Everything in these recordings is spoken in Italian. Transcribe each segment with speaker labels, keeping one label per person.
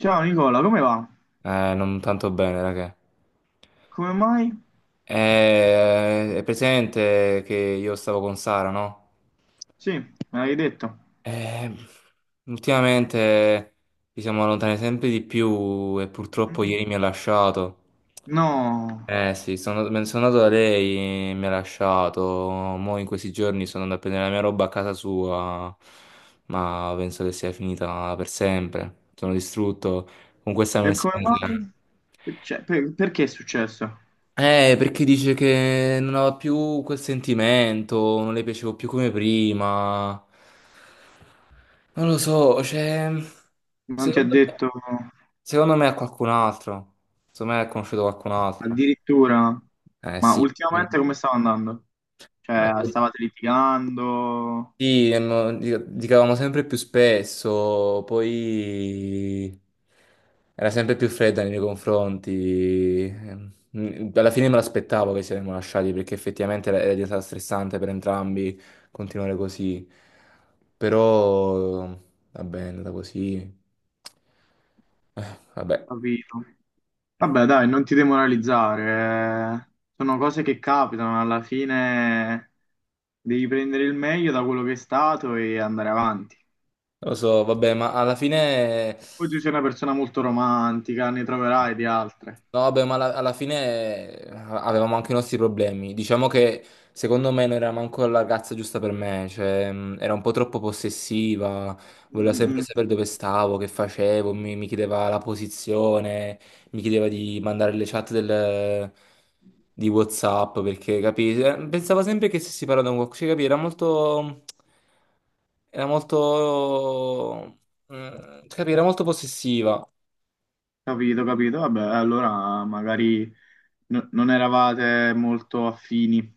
Speaker 1: Ciao Nicola, come va?
Speaker 2: Non tanto bene, raga.
Speaker 1: Come mai?
Speaker 2: È presente che io stavo con Sara, no?
Speaker 1: Sì, me l'hai detto.
Speaker 2: Eh, ultimamente ci siamo allontanati sempre di più e purtroppo
Speaker 1: Mm.
Speaker 2: ieri mi ha lasciato.
Speaker 1: No,
Speaker 2: Eh sì, me ne sono andato da lei, mi ha lasciato. Mo' in questi giorni sono andato a prendere la mia roba a casa sua, ma penso che sia finita per sempre. Sono distrutto. Con questa
Speaker 1: e come
Speaker 2: mensilità.
Speaker 1: mai? Cioè, perché è successo?
Speaker 2: Perché dice che non aveva più quel sentimento, non le piacevo più come prima. Non lo so, cioè,
Speaker 1: Non ti ha
Speaker 2: secondo me,
Speaker 1: detto
Speaker 2: secondo me è qualcun altro. Secondo me ha conosciuto qualcun altro.
Speaker 1: addirittura,
Speaker 2: Eh
Speaker 1: ma
Speaker 2: sì,
Speaker 1: ultimamente come stava andando?
Speaker 2: ma
Speaker 1: Cioè, stavate litigando,
Speaker 2: sì, giocavamo sempre più spesso, poi era sempre più fredda nei miei confronti. Alla fine me l'aspettavo che ci saremmo lasciati perché effettivamente era diventata stressante per entrambi continuare così. Però va bene, è andata così. Vabbè,
Speaker 1: capito? Vabbè, dai, non ti demoralizzare. Eh. Sono cose che capitano, alla fine devi prendere il meglio da quello che è stato e andare avanti.
Speaker 2: lo so, vabbè, ma alla fine.
Speaker 1: Poi tu sei una persona molto romantica, ne troverai di altre.
Speaker 2: No, vabbè, ma alla fine avevamo anche i nostri problemi. Diciamo che secondo me non era manco la ragazza giusta per me, cioè era un po' troppo possessiva, voleva
Speaker 1: Mm,
Speaker 2: sempre
Speaker 1: mm,
Speaker 2: sapere dove stavo, che facevo, mi chiedeva la posizione, mi chiedeva di mandare le chat di WhatsApp, perché capi? Eh, pensava sempre che stessi parlando con qualcuno, cioè, capi? Era molto... capi? Era molto possessiva.
Speaker 1: capito, capito. Vabbè, allora magari non eravate molto affini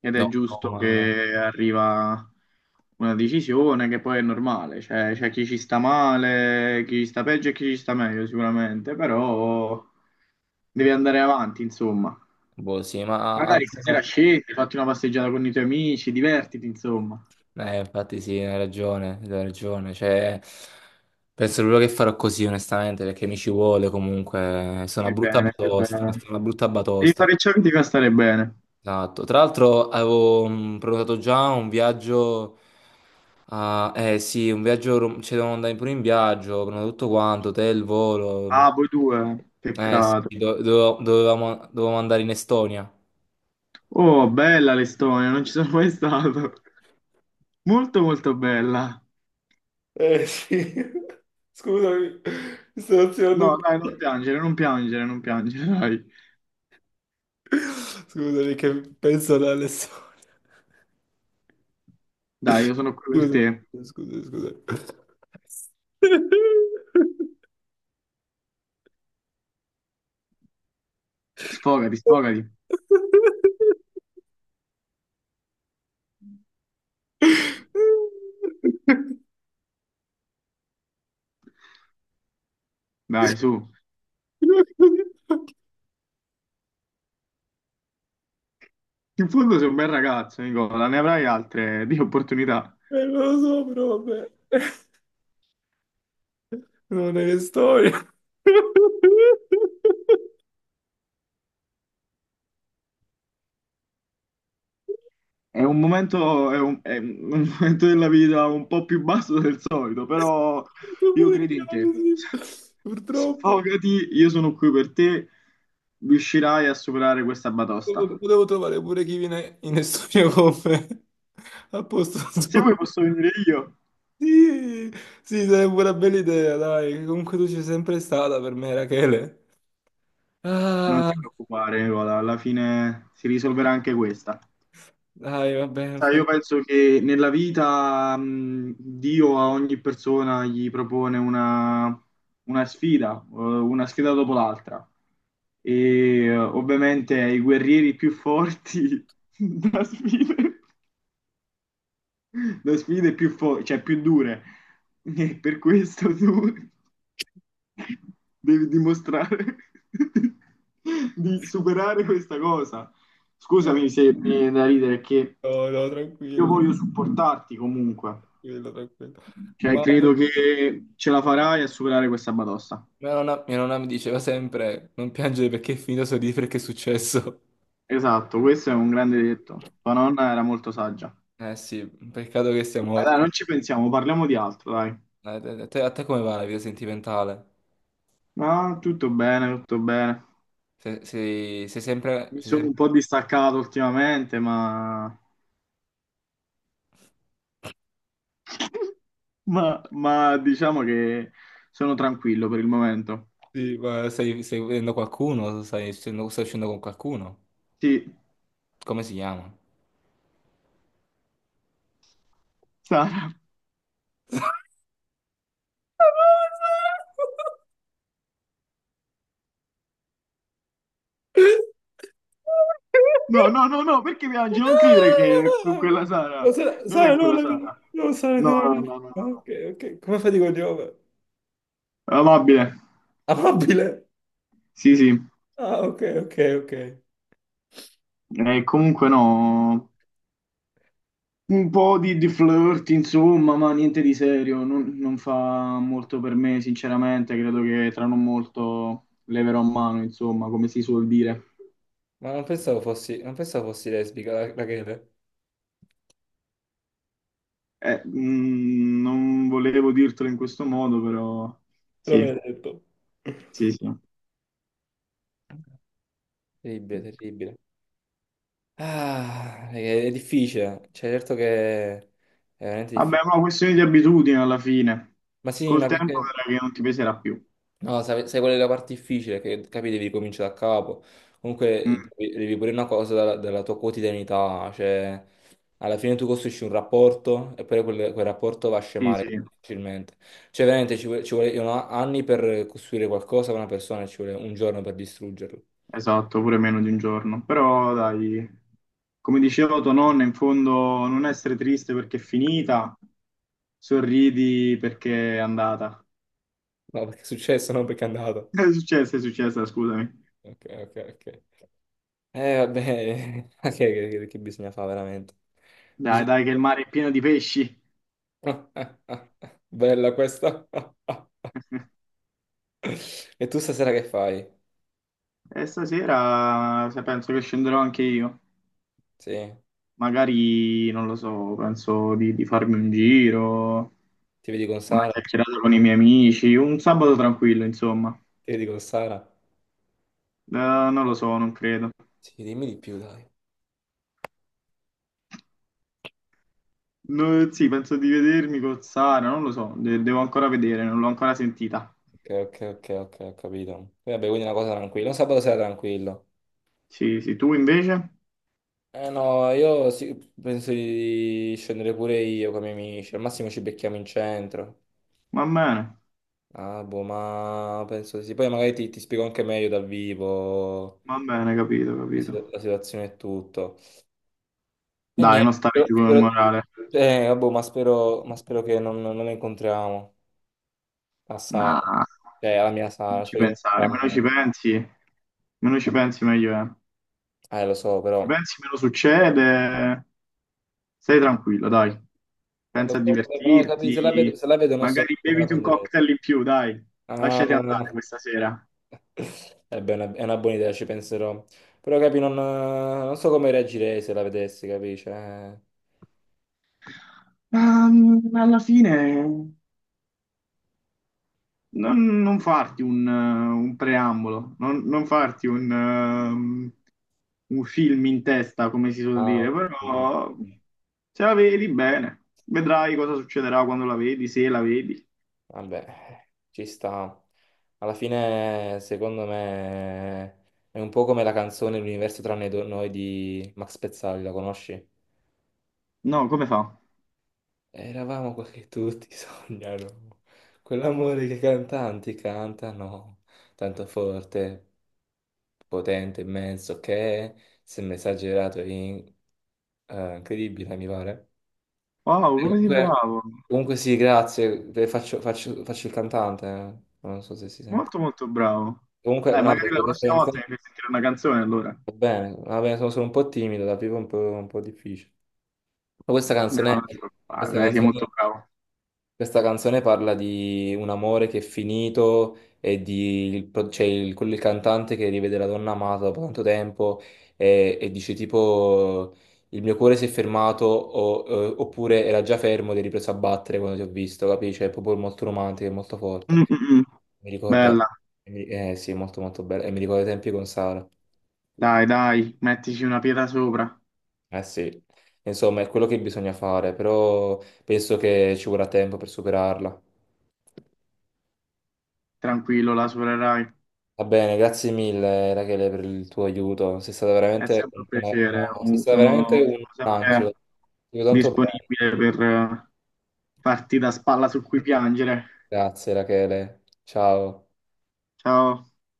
Speaker 1: ed è
Speaker 2: No, no,
Speaker 1: giusto
Speaker 2: ma...
Speaker 1: che arriva una decisione che poi è normale. Cioè, c'è chi ci sta male, chi ci sta peggio e chi ci sta meglio sicuramente, però devi andare avanti, insomma.
Speaker 2: Boh, sì, ma alla
Speaker 1: Magari stasera
Speaker 2: fine...
Speaker 1: scendi, fatti una passeggiata con i tuoi amici, divertiti, insomma.
Speaker 2: Infatti sì, hai ragione, hai ragione. Cioè, penso proprio che farò così, onestamente, perché mi ci vuole comunque. Sono una
Speaker 1: Stai
Speaker 2: brutta
Speaker 1: bene, stai
Speaker 2: batosta,
Speaker 1: bene.
Speaker 2: sono una brutta
Speaker 1: Devi
Speaker 2: batosta.
Speaker 1: fare ciò che ti fa stare bene.
Speaker 2: Esatto. Tra l'altro avevo prenotato già un viaggio... ah, eh sì, un cioè, devo andare pure in viaggio, ho prenotato tutto quanto, hotel, volo.
Speaker 1: Ah, voi due,
Speaker 2: Eh sì,
Speaker 1: peccato.
Speaker 2: dovevamo andare in Estonia.
Speaker 1: Oh, bella l'Estonia, non ci sono mai stato. Molto, molto bella.
Speaker 2: Eh sì, scusami, mi sto azionando un
Speaker 1: No, dai, non
Speaker 2: po'.
Speaker 1: piangere, non piangere, non piangere, dai.
Speaker 2: Scusami che penso ad Alessandro.
Speaker 1: Dai, io sono qui per
Speaker 2: Scusa,
Speaker 1: te.
Speaker 2: scusa, scusa.
Speaker 1: Sfogati, sfogati. Dai, su. In fondo sei un bel ragazzo, Nicola, ne avrai altre di opportunità.
Speaker 2: Non lo so, però vabbè. Non è che storia.
Speaker 1: È un momento, è un momento della vita un po' più basso del solito, però
Speaker 2: Non
Speaker 1: io credo in te.
Speaker 2: potevo così. Purtroppo.
Speaker 1: Sfogati, io sono qui per te. Riuscirai a superare questa batosta.
Speaker 2: Potevo trovare pure chi viene in studio con me. A posto
Speaker 1: Se
Speaker 2: suo.
Speaker 1: vuoi posso venire io.
Speaker 2: Sì, sì, sarebbe una bella idea, dai. Comunque tu ci sei sempre stata per me, Rachele.
Speaker 1: Non
Speaker 2: Ah,
Speaker 1: ti preoccupare, Nicola, alla fine si risolverà anche questa.
Speaker 2: dai, va bene, non
Speaker 1: Sai,
Speaker 2: fa
Speaker 1: io
Speaker 2: niente.
Speaker 1: penso che nella vita, Dio a ogni persona gli propone una sfida, una sfida dopo l'altra. Ovviamente ai guerrieri più forti da sfidare. Da sfide più, cioè, più dure. E per questo tu devi dimostrare di superare questa cosa. Scusami se mi viene da ridere, che
Speaker 2: No, no,
Speaker 1: io
Speaker 2: tranquillo,
Speaker 1: voglio supportarti comunque.
Speaker 2: tranquillo, tranquillo.
Speaker 1: Cioè,
Speaker 2: Ma
Speaker 1: credo che ce la farai a superare questa batosta.
Speaker 2: mia nonna mi diceva sempre, non piangere perché è finito, sorridi perché è successo.
Speaker 1: Esatto, questo è un grande detto. Tua nonna era molto saggia.
Speaker 2: Eh sì, peccato che sia
Speaker 1: Dai, dai,
Speaker 2: morto.
Speaker 1: non ci pensiamo, parliamo di altro, dai.
Speaker 2: A te come va la vita sentimentale?
Speaker 1: No, tutto bene, tutto bene.
Speaker 2: Sei sempre...
Speaker 1: Mi
Speaker 2: sei
Speaker 1: sono un
Speaker 2: sempre...
Speaker 1: po' distaccato ultimamente, ma... ma diciamo che sono tranquillo per il momento.
Speaker 2: Sì, ma stai vedendo qualcuno? Stai uscendo con qualcuno?
Speaker 1: Sì,
Speaker 2: Come si chiama?
Speaker 1: Sara. No, no, no, no, perché piangi? Non credere che è quella Sara,
Speaker 2: No,
Speaker 1: non è
Speaker 2: Sara, no,
Speaker 1: quella Sara.
Speaker 2: no, Sara, è
Speaker 1: No,
Speaker 2: una
Speaker 1: no, no,
Speaker 2: ragazza.
Speaker 1: no, no.
Speaker 2: Ah,
Speaker 1: No.
Speaker 2: ok, ok, come fai di cognome?
Speaker 1: Amabile.
Speaker 2: Amabile?
Speaker 1: Sì, sì.
Speaker 2: Ah, ok, ok, ok.
Speaker 1: Comunque no. Un po' di flirt, insomma, ma niente di serio, non fa molto per me, sinceramente, credo che tra non molto leverò mano, insomma, come si suol dire.
Speaker 2: Ma non pensavo fossi, non pensavo fossi lesbica, la Chele.
Speaker 1: Non volevo dirtelo in questo modo, però
Speaker 2: Però
Speaker 1: sì,
Speaker 2: me l'hai detto.
Speaker 1: sì, sì.
Speaker 2: Terribile, terribile. Ah, è difficile, cioè certo che è veramente
Speaker 1: Vabbè,
Speaker 2: difficile.
Speaker 1: ma questione di abitudine alla fine.
Speaker 2: Ma sì,
Speaker 1: Col
Speaker 2: ma
Speaker 1: tempo
Speaker 2: perché...
Speaker 1: vedrai che non ti peserà più.
Speaker 2: No, sai qual è la parte difficile? Che capi, devi cominciare da capo.
Speaker 1: Mm,
Speaker 2: Comunque, devi pure una cosa dalla tua quotidianità, cioè, alla fine tu costruisci un rapporto e poi quel rapporto va a
Speaker 1: sì,
Speaker 2: scemare
Speaker 1: sì.
Speaker 2: facilmente. Cioè, veramente ci vogliono anni per costruire qualcosa con una persona e ci vuole un giorno per distruggerlo.
Speaker 1: Esatto, pure meno di un giorno. Però dai, come diceva tua nonna, in fondo non essere triste perché è finita, sorridi perché è andata.
Speaker 2: No, perché è successo, non perché è andato.
Speaker 1: È successa, scusami.
Speaker 2: Ok, ok, ok. Vabbè, ok, che bisogna fare veramente?
Speaker 1: Dai,
Speaker 2: Bisogna...
Speaker 1: dai, che il mare è pieno di pesci.
Speaker 2: Bella questa. E tu stasera che fai?
Speaker 1: E stasera se penso che scenderò anche io.
Speaker 2: Sì,
Speaker 1: Magari, non lo so, penso di farmi un giro,
Speaker 2: ti vedi con
Speaker 1: una
Speaker 2: Sara?
Speaker 1: chiacchierata con i miei amici, un sabato tranquillo, insomma.
Speaker 2: Ti vedi con Sara?
Speaker 1: Non lo so, non credo.
Speaker 2: Sì, dimmi di più, dai.
Speaker 1: No, sì, penso di vedermi con Sara, non lo so, devo ancora vedere, non l'ho ancora sentita.
Speaker 2: Ok, ok, ok, ok, ho capito. E vabbè, quindi una cosa tranquilla. Un sabato sera tranquillo.
Speaker 1: Sì, sì, tu invece?
Speaker 2: Eh no, io sì, penso di scendere pure io con i miei amici. Al massimo ci becchiamo in centro.
Speaker 1: Va bene,
Speaker 2: Ah, boh, ma penso di sì. Poi magari ti spiego anche meglio dal vivo
Speaker 1: va bene, capito, capito.
Speaker 2: la situazione e tutto. E
Speaker 1: Dai,
Speaker 2: niente,
Speaker 1: non stare
Speaker 2: spero,
Speaker 1: giù con il
Speaker 2: spero-
Speaker 1: morale.
Speaker 2: vabbè, ma spero che non, non la incontriamo. A Sara,
Speaker 1: No,
Speaker 2: cioè alla mia
Speaker 1: non
Speaker 2: Sara,
Speaker 1: ci
Speaker 2: speriamo
Speaker 1: pensare, meno ci
Speaker 2: che...
Speaker 1: pensi, meno ci pensi meglio è.
Speaker 2: eh, lo so,
Speaker 1: Ci
Speaker 2: però,
Speaker 1: pensi, meno succede, stai tranquillo, dai. Pensa
Speaker 2: lo
Speaker 1: a
Speaker 2: so, però
Speaker 1: divertirti,
Speaker 2: se la vedo non so
Speaker 1: magari
Speaker 2: come la
Speaker 1: beviti un
Speaker 2: prenderei.
Speaker 1: cocktail in più, dai. Lasciati andare
Speaker 2: Ah,
Speaker 1: questa sera.
Speaker 2: eh beh, è una buona idea, ci penserò. Però capi, non, non so come reagirei se la vedessi, capisci?
Speaker 1: Alla fine... non farti un preambolo, non farti un film in testa, come si suol
Speaker 2: Ah,
Speaker 1: dire,
Speaker 2: ok.
Speaker 1: però se la vedi bene, vedrai cosa succederà quando la vedi, se la vedi.
Speaker 2: Vabbè, ci sta. Alla fine, secondo me, è un po' come la canzone L'universo tranne noi di Max Pezzali, la conosci?
Speaker 1: No, come fa?
Speaker 2: Eravamo quel che tutti sognano, quell'amore che i cantanti cantano, tanto forte, potente, immenso, che sembra esagerato e incredibile, mi pare.
Speaker 1: Wow,
Speaker 2: E
Speaker 1: come sei
Speaker 2: comunque,
Speaker 1: bravo!
Speaker 2: comunque sì, grazie, faccio il cantante, eh. Non so se si sente.
Speaker 1: Molto molto bravo.
Speaker 2: Comunque,
Speaker 1: Dai,
Speaker 2: no,
Speaker 1: magari la
Speaker 2: perché questa
Speaker 1: prossima volta
Speaker 2: canzone
Speaker 1: mi fai sentire una canzone allora.
Speaker 2: va bene, sono solo un po' timido, da vivo è un un po' difficile. Ma questa
Speaker 1: No, non ti preoccupare,
Speaker 2: questa
Speaker 1: dai, sei molto
Speaker 2: canzone
Speaker 1: bravo.
Speaker 2: questa canzone parla di un amore che è finito e di c'è il cantante che rivede la donna amata dopo tanto tempo e dice tipo il mio cuore si è fermato oppure era già fermo ed è ripreso a battere quando ti ho visto, capisci? È proprio molto romantico e molto forte.
Speaker 1: Mm, mm, mm.
Speaker 2: Mi ricorda...
Speaker 1: Bella,
Speaker 2: Eh sì, è molto molto bello. E mi ricorda i tempi con Sara.
Speaker 1: dai, dai, mettici una pietra sopra,
Speaker 2: Eh sì. Insomma, è quello che bisogna fare, però penso che ci vorrà tempo per superarla.
Speaker 1: tranquillo, la supererai.
Speaker 2: Va bene, grazie mille Rachele per il tuo aiuto, sei stata
Speaker 1: È
Speaker 2: veramente,
Speaker 1: sempre un piacere,
Speaker 2: sei stata veramente un
Speaker 1: sono
Speaker 2: angelo. Ti
Speaker 1: sempre
Speaker 2: vedo tanto bene.
Speaker 1: disponibile per farti da spalla su cui piangere.
Speaker 2: Grazie Rachele, ciao.
Speaker 1: Ciao.